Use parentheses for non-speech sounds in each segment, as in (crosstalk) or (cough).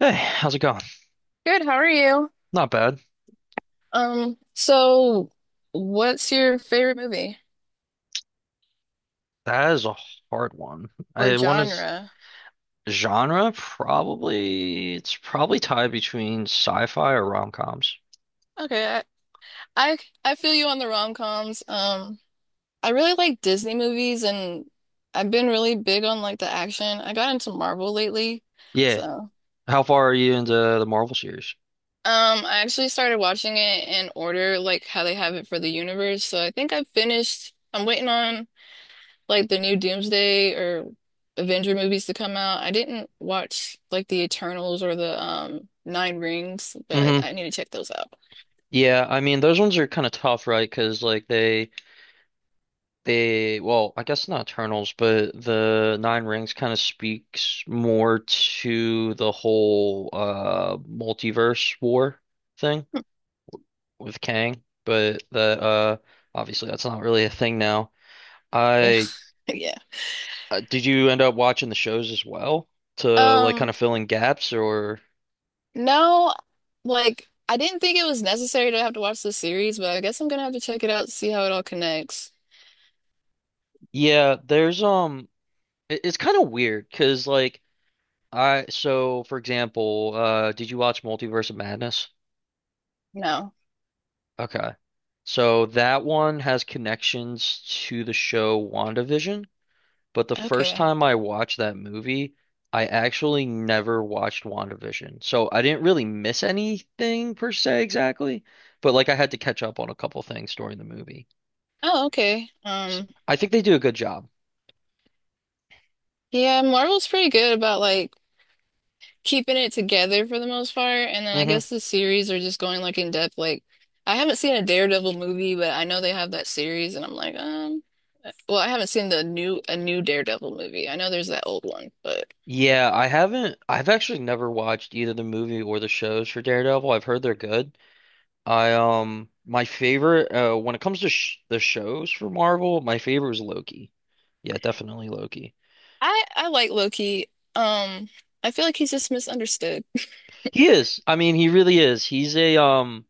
Hey, how's it going? Good, how are you? Not bad. So what's your favorite movie That is a hard one. or I one is genre? genre, probably it's probably tied between sci-fi or rom-coms. Okay, I, I feel you on the rom-coms. I really like Disney movies and I've been really big on like the action. I got into Marvel lately. Yeah. So, um, How far are you into the Marvel series? I actually started watching it in order like how they have it for the universe. So I think I've finished. I'm waiting on like the new Doomsday or Avenger movies to come out. I didn't watch like the Eternals or the Nine Rings, but hmm I need to check those out. Yeah, I mean those ones are kind of tough, right? Because like they well, I guess not Eternals, but the Nine Rings kind of speaks more to the whole multiverse war thing. With Kang, but that obviously that's not really a thing now. Yeah. I (laughs) Yeah. Did you end up watching the shows as well to like kind Um, of fill in gaps? Or no, like I didn't think it was necessary to have to watch the series, but I guess I'm gonna have to check it out to see how it all connects. yeah, there's it's kind of weird 'cause like I so for example, did you watch Multiverse of Madness? No. Okay. So that one has connections to the show WandaVision. But the first Okay. time I watched that movie, I actually never watched WandaVision. So I didn't really miss anything per se exactly, but like I had to catch up on a couple things during the movie. Oh, okay. So I think they do a good job. Yeah, Marvel's pretty good about like keeping it together for the most part. And then I hmm guess the series are just going like in depth. Like I haven't seen a Daredevil movie, but I know they have that series, and I'm like, well, I haven't seen the new a new Daredevil movie. I know there's that old one, but Yeah, I've actually never watched either the movie or the shows for Daredevil. I've heard they're good. I My favorite when it comes to sh the shows for Marvel, my favorite is Loki. Yeah, definitely Loki. I like Loki. Um, I feel like he's just misunderstood. (laughs) He is. I mean, he really is. He's a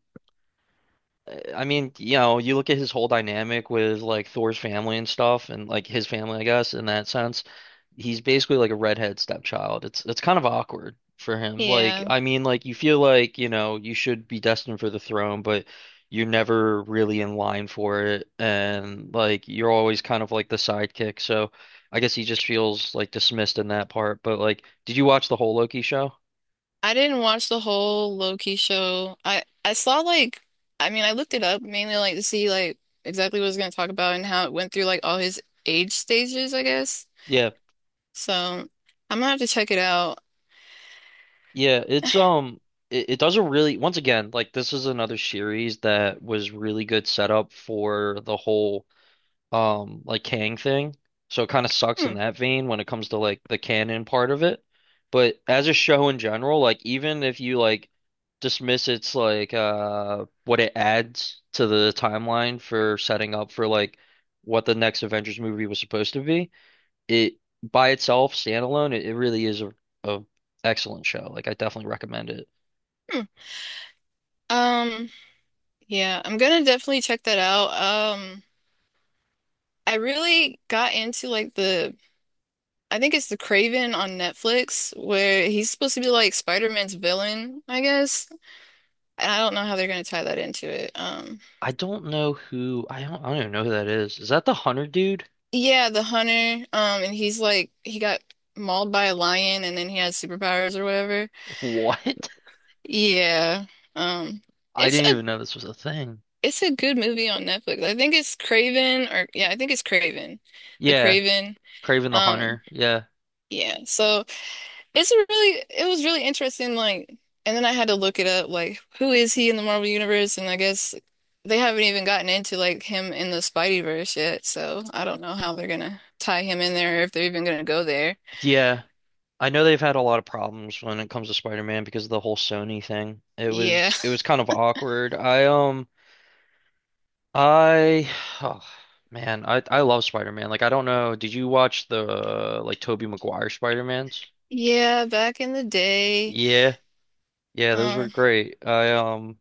I mean, you know, you look at his whole dynamic with like Thor's family and stuff, and like his family, I guess, in that sense, he's basically like a redhead stepchild. It's kind of awkward for him. Like, Yeah, I mean, like you feel like, you know, you should be destined for the throne, but you're never really in line for it, and like you're always kind of like the sidekick. So, I guess he just feels like dismissed in that part. But like, did you watch the whole Loki show? I didn't watch the whole Loki show. I saw like I mean I looked it up mainly like to see like exactly what it was going to talk about and how it went through like all his age stages, I guess. Yeah. So I'm gonna have to check it out. Yeah, it's it does a really once again, like this is another series that was really good setup for the whole like Kang thing. So it kind of sucks in Hmm. that vein when it comes to like the canon part of it. But as a show in general, like even if you like dismiss its like what it adds to the timeline for setting up for like what the next Avengers movie was supposed to be it by itself, standalone, it really is a excellent show. Like I definitely recommend it. Hmm. Um, yeah, I'm gonna definitely check that out. Um, I really got into like the I think it's the Craven on Netflix where he's supposed to be like Spider-Man's villain, I guess. And I don't know how they're gonna tie that into it. I don't even know who that is. Is that the Hunter dude? Yeah, the hunter. And he's like he got mauled by a lion and then he has superpowers or whatever. What? Yeah. Um, (laughs) I it's didn't a even know this was a thing. It's a good movie on Netflix. I think it's Craven or yeah, I think it's Craven. The Yeah, Craven. Kraven the Um, Hunter. Yeah. yeah. So it's a really it was really interesting, like and then I had to look it up, like who is he in the Marvel Universe? And I guess they haven't even gotten into like him in the Spideyverse yet, so I don't know how they're gonna tie him in there or if they're even gonna go there. Yeah. I know they've had a lot of problems when it comes to Spider-Man because of the whole Sony thing. It Yeah. was it (laughs) was kind of awkward. I (sighs) oh, man, I love Spider-Man. Like I don't know, did you watch the like Tobey Maguire Spider-Mans? Yeah, back in the day. Yeah. Yeah, those were Um, great.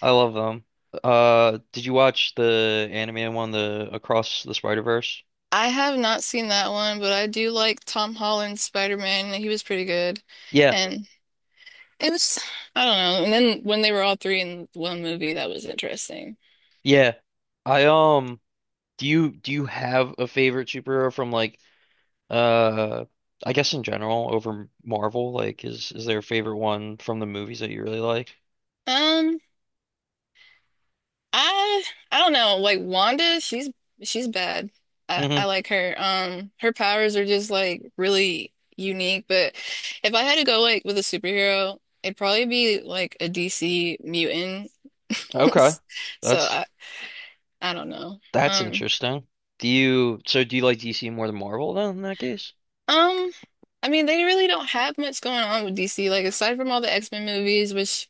I love them. Did you watch the anime one, the Across the Spider-Verse? I have not seen that one, but I do like Tom Holland's Spider-Man. He was pretty good. Yeah. And it was, I don't know. And then when they were all three in one movie, that was interesting. Yeah. I Do you have a favorite superhero from like uh I guess in general over Marvel? Like is there a favorite one from the movies that you really like? Um, I I don't know. Like Wanda, she's bad. I hmm I like her. Her powers are just like really unique. But if I had to go like with a superhero, it'd probably be like a DC mutant. (laughs) Okay. So That's I I don't know. that's Um interesting. Do you do you like DC more than Marvel then in that case? um. I mean, they really don't have much going on with DC, like aside from all the X-Men movies, which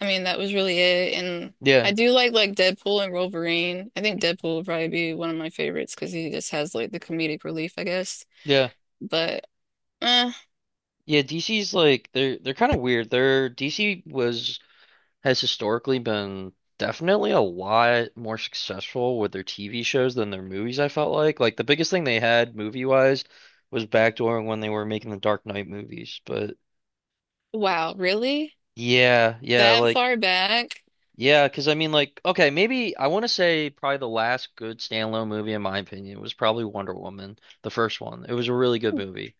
I mean, that was really it. And I Yeah. do like Deadpool and Wolverine. I think Deadpool would probably be one of my favorites because he just has like the comedic relief, I guess. Yeah. But eh, Yeah, DC's like they're kind of weird. Their DC was Has historically been definitely a lot more successful with their TV shows than their movies, I felt like. Like the biggest thing they had movie-wise was backdooring when they were making the Dark Knight movies. But wow, really? yeah, yeah, That like far back? yeah, 'cause I mean like okay, maybe I want to say probably the last good standalone movie in my opinion was probably Wonder Woman, the first one. It was a really good movie.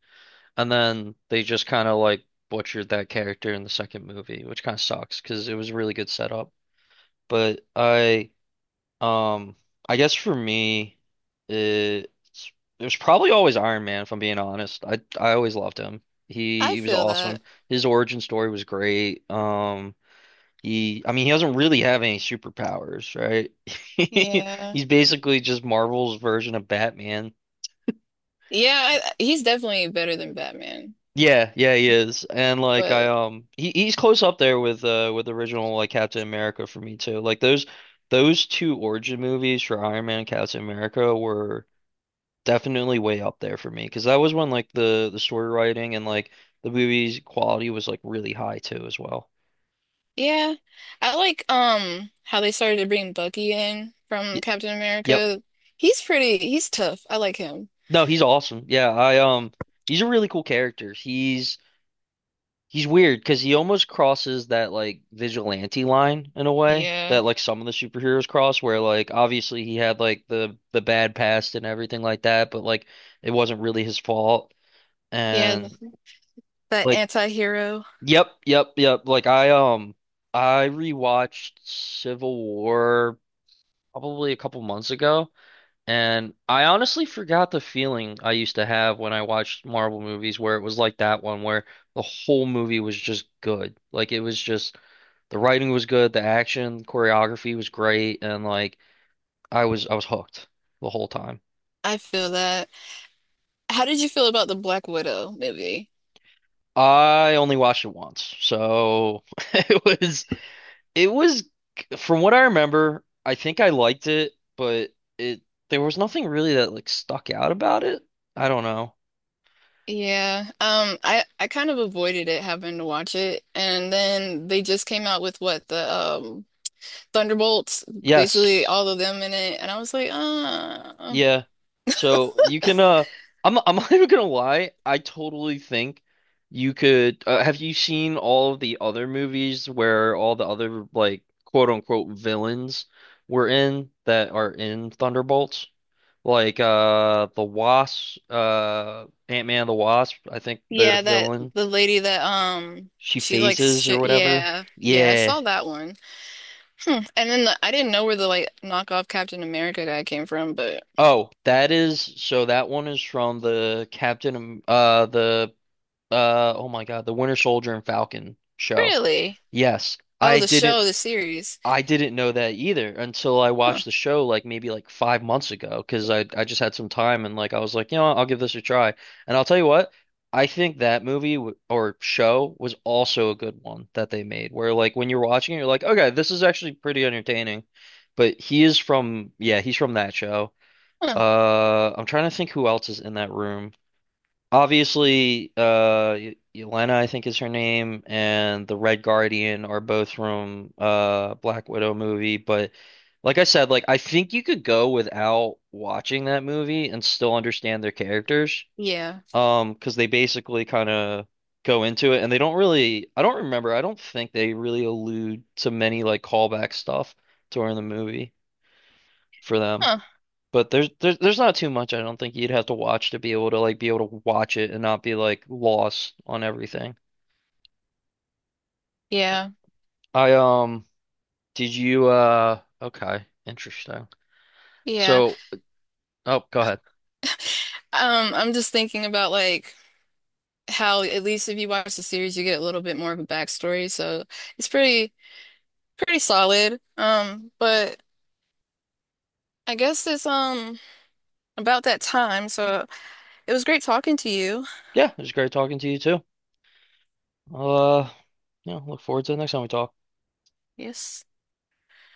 And then they just kind of like butchered that character in the second movie, which kind of sucks because it was a really good setup. But I, um, I guess for me, it, it was probably always Iron Man, if I'm being honest. I always loved him. He I he was feel that. awesome. His origin story was great. He I mean he doesn't really have any superpowers, right? (laughs) Yeah. He's basically just Marvel's version of Batman. Yeah, I, he's definitely better than Batman. Yeah, yeah, he is. And like I But he's close up there with the original like Captain America for me too. Like those two origin movies for Iron Man and Captain America were definitely way up there for me because that was when like the story writing and like the movie's quality was like really high too as well. yeah, I like how they started to bring Bucky in from Y Captain Yep. America. He's pretty, he's tough. I like him. No, he's awesome. Yeah, I he's a really cool character. He's weird because he almost crosses that like vigilante line in a way Yeah. that like some of the superheroes cross, where like obviously he had like the bad past and everything like that, but like it wasn't really his fault. Yeah, th- And that like, anti-hero. yep, yep, yep. Like I rewatched Civil War probably a couple months ago. And I honestly forgot the feeling I used to have when I watched Marvel movies where it was like that one where the whole movie was just good. Like it was just the writing was good, the action, choreography was great, and like I was hooked the whole time. I feel that. How did you feel about the Black Widow movie? I only watched it once. So (laughs) it was it was from what I remember, I think I liked it, but it there was nothing really that like stuck out about it. I don't know. Yeah, I kind of avoided it having to watch it, and then they just came out with what the Thunderbolts, basically Yes. all of them in it, and I was like, Yeah. So you can I'm (laughs) not even gonna lie, I totally think you could have you seen all of the other movies where all the other like quote unquote villains were in that are in Thunderbolts? Like the Wasp Ant-Man and the Wasp, I think their yeah, that villain. the lady that She she likes phases or shit, whatever. yeah, yeah, I Yeah. saw that one, hmm. And then the, I didn't know where the like knockoff Captain America guy came from, but Oh, that is so that one is from the Captain Am- the oh my God, the Winter Soldier and Falcon show. really, Yes, oh, the show, the series, I didn't know that either until I huh, watched the show like maybe like 5 months ago because I just had some time and like I was like, you know what, I'll give this a try. And I'll tell you what, I think that movie w or show was also a good one that they made where like when you're watching it, you're like, okay, this is actually pretty entertaining. But he is from, yeah, he's from that show. huh, I'm trying to think who else is in that room. Obviously, Yelena, I think is her name, and the Red Guardian are both from Black Widow movie. But like I said, like I think you could go without watching that movie and still understand their characters, yeah, because they basically kind of go into it, and they don't really. I don't remember. I don't think they really allude to many like callback stuff during the movie for them. huh, But there's not too much I don't think you'd have to watch to be able to be able to watch it and not be like lost on everything. yeah. I did you okay, interesting. Yeah. So, oh, go ahead. I'm just thinking about like how at least if you watch the series, you get a little bit more of a backstory. So it's pretty solid. But I guess it's about that time. So it was great talking to you. Yeah, it was great talking to you too. Uh, yeah, look forward to the next time we talk. Yes.